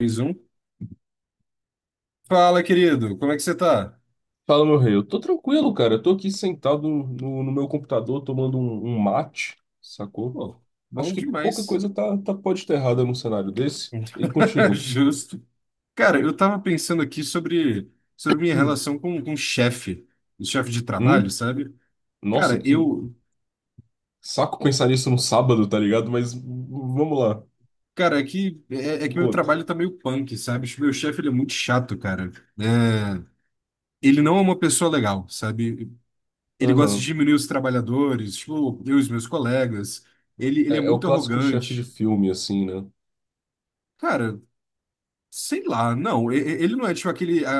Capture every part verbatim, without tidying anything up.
Mais um. Fala, querido, como é que você tá? Fala, meu rei. Eu tô tranquilo, cara. Eu tô aqui sentado no, no meu computador tomando um, um mate, sacou? Pô, Acho bom que pouca demais. coisa tá, tá, pode estar errada num cenário desse. E contigo? Justo. Cara, eu tava pensando aqui sobre, sobre minha Hum. relação com, com chefe, o chefe de trabalho, Hum? sabe? Nossa, Cara, que eu. saco pensar nisso no sábado, tá ligado? Mas v- vamos lá, Cara, é que, é, é me que meu conta. trabalho tá meio punk, sabe? Tipo, meu chefe, ele é muito chato, cara. É, ele não é uma pessoa legal, sabe? Ele gosta de Aham. diminuir os trabalhadores, tipo, eu e os meus colegas. Ele, ele é É, é o muito clássico chefe de arrogante. filme, assim, né? Cara, sei lá, não. e- e- Ele não é tipo aquele, a-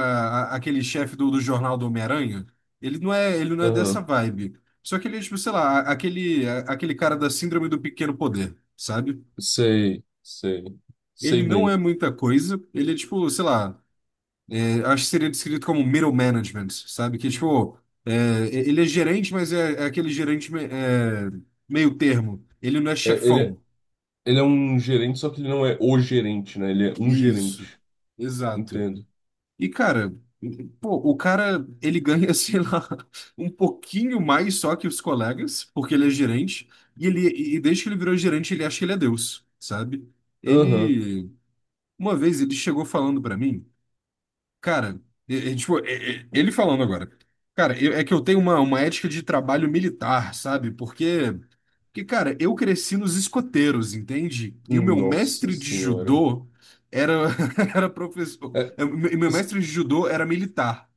a- aquele chefe do, do jornal do Homem-Aranha. Ele não é, ele não é dessa Aham. vibe. Só que ele é, tipo, sei lá, a- aquele, a- aquele cara da síndrome do pequeno poder, sabe? Sei, sei. Ele Sei não é bem. muita coisa. Ele é, tipo, sei lá, é, acho que seria descrito como middle management, sabe? Que, tipo, é, e- ele é gerente, mas é, é aquele gerente me- é, meio termo. Ele não é É, ele, é- chefão. ele é um gerente, só que ele não é o gerente, né? Ele é um Isso, gerente. exato. Entendo. E, cara, pô, o cara, ele ganha, sei lá, um pouquinho mais só que os colegas, porque ele é gerente, e ele, e desde que ele virou gerente, ele acha que ele é Deus, sabe? Aham. Ele, uma vez, ele chegou falando pra mim. Cara, e- e, tipo, e- e- ele falando agora. Cara, eu- é que eu tenho uma, uma ética de trabalho militar, sabe? Porque, porque, cara, eu cresci nos escoteiros, entende? E o meu Nossa mestre de senhora. judô era, era professor. É, E meu meu s- mestre de judô era militar.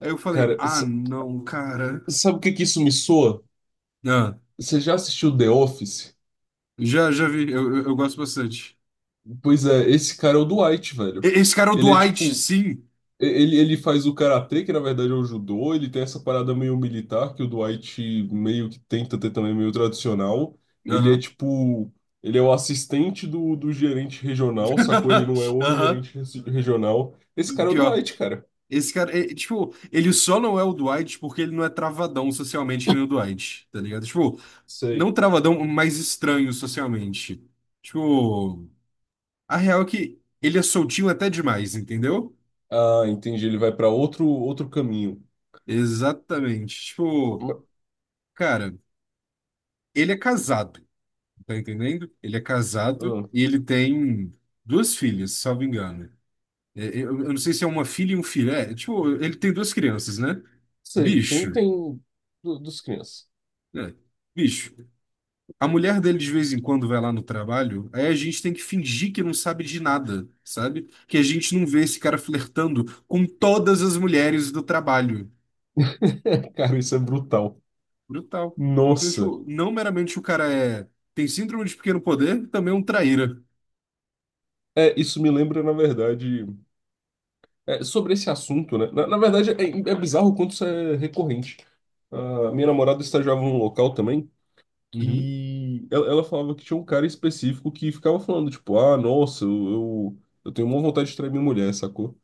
Aí eu falei, cara, ah, s- não, cara. sabe o que que isso me soa? Ah, Você já assistiu The Office? já, já vi, eu, eu, eu gosto bastante. Pois é, esse cara é o Dwight, E- velho. Esse cara é o Ele é Dwight, tipo. sim. e- Ele, ele faz o karatê, que na verdade é o judô, ele tem essa parada meio militar, que o Dwight meio que tenta ter também, meio tradicional. Ele é Aham. tipo. Ele é o assistente do, do gerente regional, sacou? Ele não é o Aham. gerente regi- regional. Esse cara é o Pior. Dwight, cara. Esse cara, é, tipo, ele só não é o Dwight porque ele não é travadão socialmente que nem o Dwight, tá ligado? Tipo, não Sei. travadão, mas estranho socialmente. Tipo, a real é que ele é soltinho até demais, entendeu? Ah, entendi. Ele vai pra outro outro caminho. Exatamente. Tipo, cara, ele é casado, tá entendendo? Ele é casado Ah, e ele tem duas filhas, salvo engano. É, é, Eu, eu não sei se é uma filha e um filho. É, tipo, ele tem duas crianças, né? sei, tem, Bicho. tem do- dos crianças. É, bicho. A mulher dele de vez em quando vai lá no trabalho, aí a gente tem que fingir que não sabe de nada, sabe? Que a gente não vê esse cara flertando com todas as mulheres do trabalho. Cara, isso é brutal. Brutal. Então, Nossa. tipo, não meramente o cara é tem síndrome de pequeno poder, também é um traíra. É, isso me lembra, na verdade, é, sobre esse assunto, né? Na, na verdade, é, é bizarro o quanto isso é recorrente. Ah, minha namorada estagiava num local também Uhum. que ela, ela falava que tinha um cara específico que ficava falando, tipo, ah, nossa, eu, eu, eu tenho uma vontade de trair minha mulher, sacou?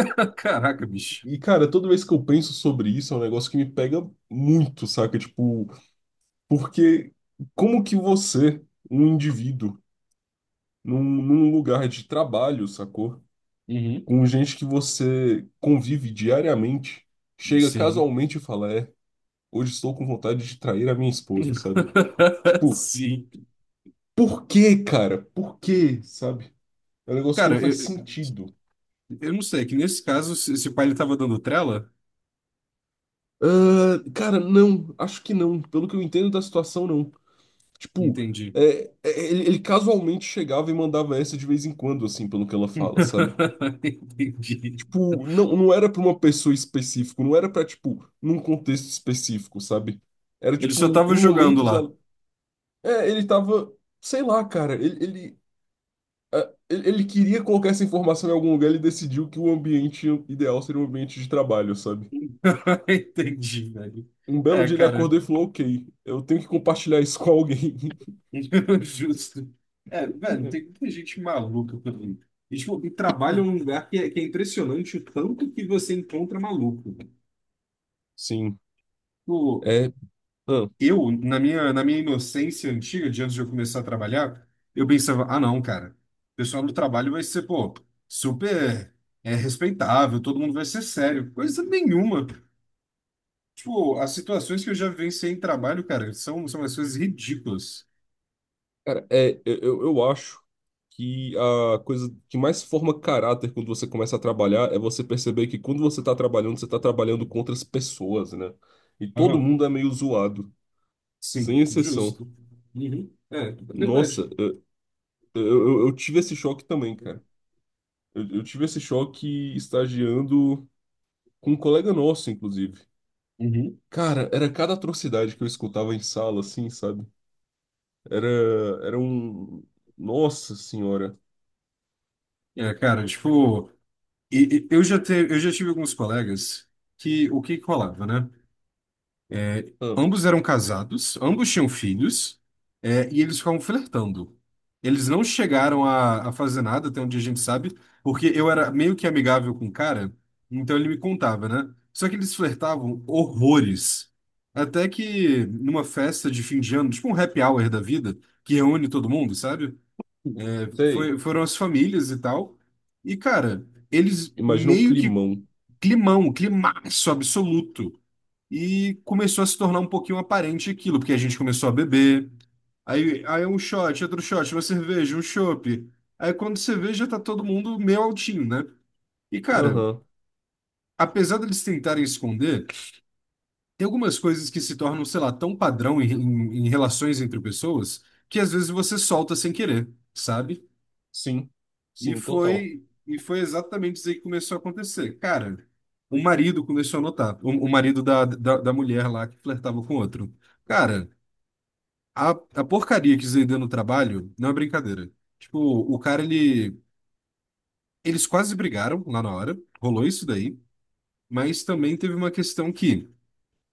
Caraca, bicho. E, cara, toda vez que eu penso sobre isso, é um negócio que me pega muito, saca? Tipo, porque como que você, um indivíduo, num, num lugar de trabalho, sacou? Uhum. Com gente que você convive diariamente, chega Sim. casualmente e fala, é, hoje estou com vontade de trair a minha esposa, sabe? Tipo, Sim. por quê, cara? Por quê, sabe? É um negócio que não Cara, faz eu, sentido. eu não sei, é que nesse caso, se, se o pai ele tava dando trela, Ah, cara, não, acho que não. Pelo que eu entendo da situação, não. Tipo, entendi. é, é, ele, ele casualmente chegava e mandava essa de vez em quando, assim, pelo que ela fala, sabe? Entendi. Tipo, não, não era pra uma pessoa específica, não era pra, tipo, num contexto específico, sabe? Era, Ele só tipo, tava em jogando momentos. a- lá. É, ele tava. Sei lá, cara. Ele, ele, ah, ele, ele queria colocar essa informação em algum lugar, ele decidiu que o ambiente ideal seria um ambiente de trabalho, sabe? Entendi, velho. Um belo É, dia ele cara, acordou e falou: Ok, eu tenho que compartilhar isso com alguém. justo. É, velho, tem muita gente maluca por aí. E, tipo, e trabalha Hum. num lugar que é, que é impressionante o tanto que você encontra maluco. Sim. Tipo, É. Ah. eu, na minha, na minha inocência antiga, de antes de eu começar a trabalhar, eu pensava, ah, não, cara, o pessoal do trabalho vai ser, pô, super é, respeitável, todo mundo vai ser sério. Coisa nenhuma. Tipo, as situações que eu já vivenciei em trabalho, cara, são, são as coisas ridículas. Cara, é, eu, eu eu acho que a coisa que mais forma caráter quando você começa a trabalhar é você perceber que quando você tá trabalhando, você tá trabalhando com outras pessoas, né? E todo mundo é meio zoado, Sim, sem exceção. justo. Uhum. É, é Nossa, verdade. eu, eu, eu eu tive esse choque também, cara. Eu, eu tive esse choque estagiando com um colega nosso, inclusive. Uhum. Cara, era cada atrocidade que eu escutava em sala, assim, sabe? Era, era um. Nossa senhora. É, cara, tipo, e- e- eu já te, eu já tive alguns colegas que o que que rolava, né? É, Ah, ambos eram casados, ambos tinham filhos, é, e eles ficavam flertando. Eles não chegaram a, a fazer nada, até onde a gente sabe, porque eu era meio que amigável com o cara, então ele me contava, né? Só que eles flertavam horrores. Até que numa festa de fim de ano, tipo um happy hour da vida, que reúne todo mundo, sabe? sei. Foi- foram as famílias e tal. E, cara, eles Imagina o meio que climão. climão, climaço absoluto. E começou a se tornar um pouquinho aparente aquilo, porque a gente começou a beber. Aí, aí é um shot, outro shot, uma cerveja, um chopp. Aí quando você vê, já tá todo mundo meio altinho, né? E cara, Aham. apesar deles tentarem esconder, tem algumas coisas que se tornam, sei lá, tão padrão em, em, em relações entre pessoas, que às vezes você solta sem querer, sabe? Sim, E sim, total. foi, e foi exatamente isso aí que começou a acontecer. Cara, o marido começou a notar, o, o marido da, da, da mulher lá que flertava com o outro. Cara. A, a porcaria que Zaydan no trabalho não é brincadeira. Tipo, o cara, ele. Eles quase brigaram lá na hora, rolou isso daí, mas também teve uma questão que,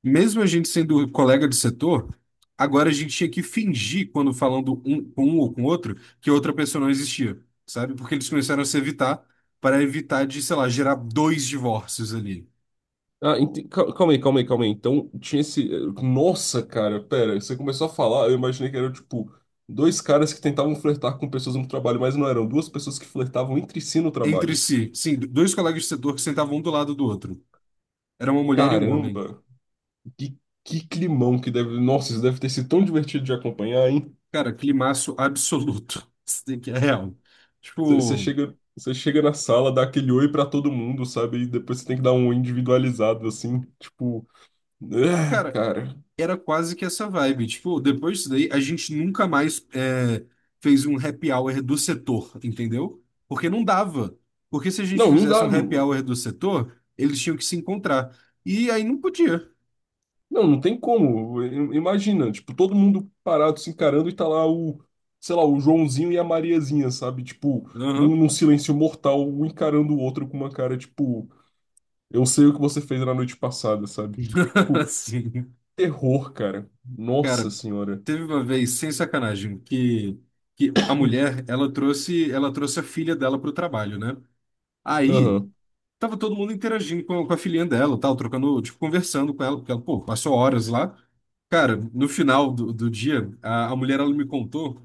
mesmo a gente sendo colega de setor, agora a gente tinha que fingir quando falando um com um ou com outro que outra pessoa não existia, sabe? Porque eles começaram a se evitar para evitar de, sei lá, gerar dois divórcios ali Ah, ente- cal- calma aí, calma aí, calma aí. Então, tinha esse. Nossa, cara, pera, você começou a falar, eu imaginei que eram, tipo, dois caras que tentavam flertar com pessoas no trabalho, mas não eram duas pessoas que flertavam entre si no entre trabalho. si. Sim, dois colegas de setor que sentavam um do lado do outro. Era uma mulher e um homem. Caramba, que, que climão que deve. Nossa, isso deve ter sido tão divertido de acompanhar, hein? Cara, climaço absoluto. Isso daqui é real. Você Tipo, chega, você chega na sala, dá aquele oi pra todo mundo, sabe? E depois você tem que dar um oi individualizado, assim, tipo. É, cara, cara. era quase que essa vibe. Tipo, depois disso daí, a gente nunca mais é, fez um happy hour do setor, entendeu? Porque não dava. Porque se a gente Não, não fizesse dá. um happy hour do setor, eles tinham que se encontrar. E aí não podia. Não, não tem como. I- Imagina, tipo, todo mundo parado se encarando e tá lá o, sei lá, o Joãozinho e a Mariazinha, sabe? Tipo, num, Aham. num silêncio mortal, um encarando o outro com uma cara, tipo, eu sei o que você fez na noite passada, sabe? Tipo, Sim. terror, cara. Nossa Cara, senhora. teve uma vez, sem sacanagem, que, que a mulher, ela trouxe, ela trouxe a filha dela pro trabalho, né? Aí. Aham. Tava todo mundo interagindo com, com a filhinha dela, tal, trocando, tipo, conversando com ela, porque ela, pô, passou horas lá. Cara, no final do, do dia, a, a mulher, ela me contou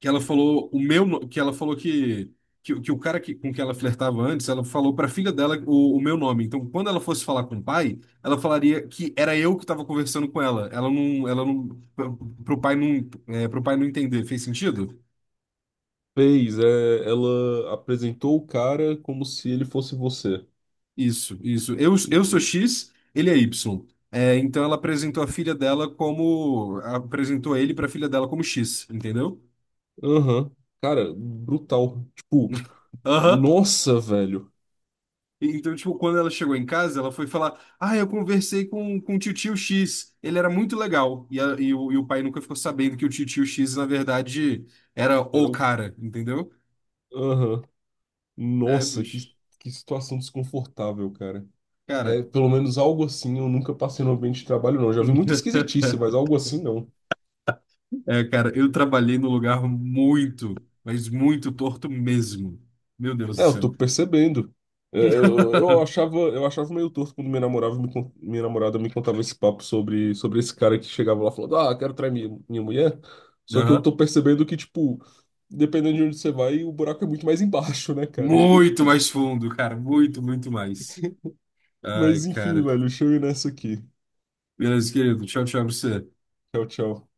que ela falou o meu, no- que ela falou que, que, que o cara que, com que ela flertava antes, ela falou pra filha dela o, o meu nome. Então, quando ela fosse falar com o pai, ela falaria que era eu que tava conversando com ela. Ela não, ela não, pro pro pai não, é, pro pai não entender. Fez sentido? Fez, é, ela apresentou o cara como se ele fosse você. Isso, isso. Eu, eu sou X, ele é Y. É, então ela apresentou a filha dela como. Apresentou ele pra filha dela como X, entendeu? Aham. Cara, brutal. Tipo, Aham. nossa, velho. E- Então, tipo, quando ela chegou em casa, ela foi falar: Ah, eu conversei com, com o tio X, ele era muito legal. E, a- e o, e o pai nunca ficou sabendo que o tio X, na verdade, era Era o o. cara, entendeu? Aham. É, Nossa, que, bicho. que situação desconfortável, cara. Cara. É, pelo menos algo assim eu nunca passei no ambiente de trabalho, não. Já vi muita esquisitice, mas algo assim não. É, cara, eu trabalhei num lugar muito, mas muito torto mesmo. Meu Deus do É, eu céu. tô percebendo. É, eu, eu achava, eu achava meio torto quando minha namorada me, con- minha namorada me contava esse papo sobre, sobre esse cara que chegava lá falando, ah, quero trair minha, minha mulher. Só que eu Aham. tô percebendo que, tipo, dependendo de onde você vai, o buraco é muito mais embaixo, né, cara? Muito mais fundo, cara. Muito, muito mais. Ai, Mas enfim, cara. velho, deixa eu ir nessa aqui. Beleza, querido. Tchau, tchau pra você. Tchau, tchau.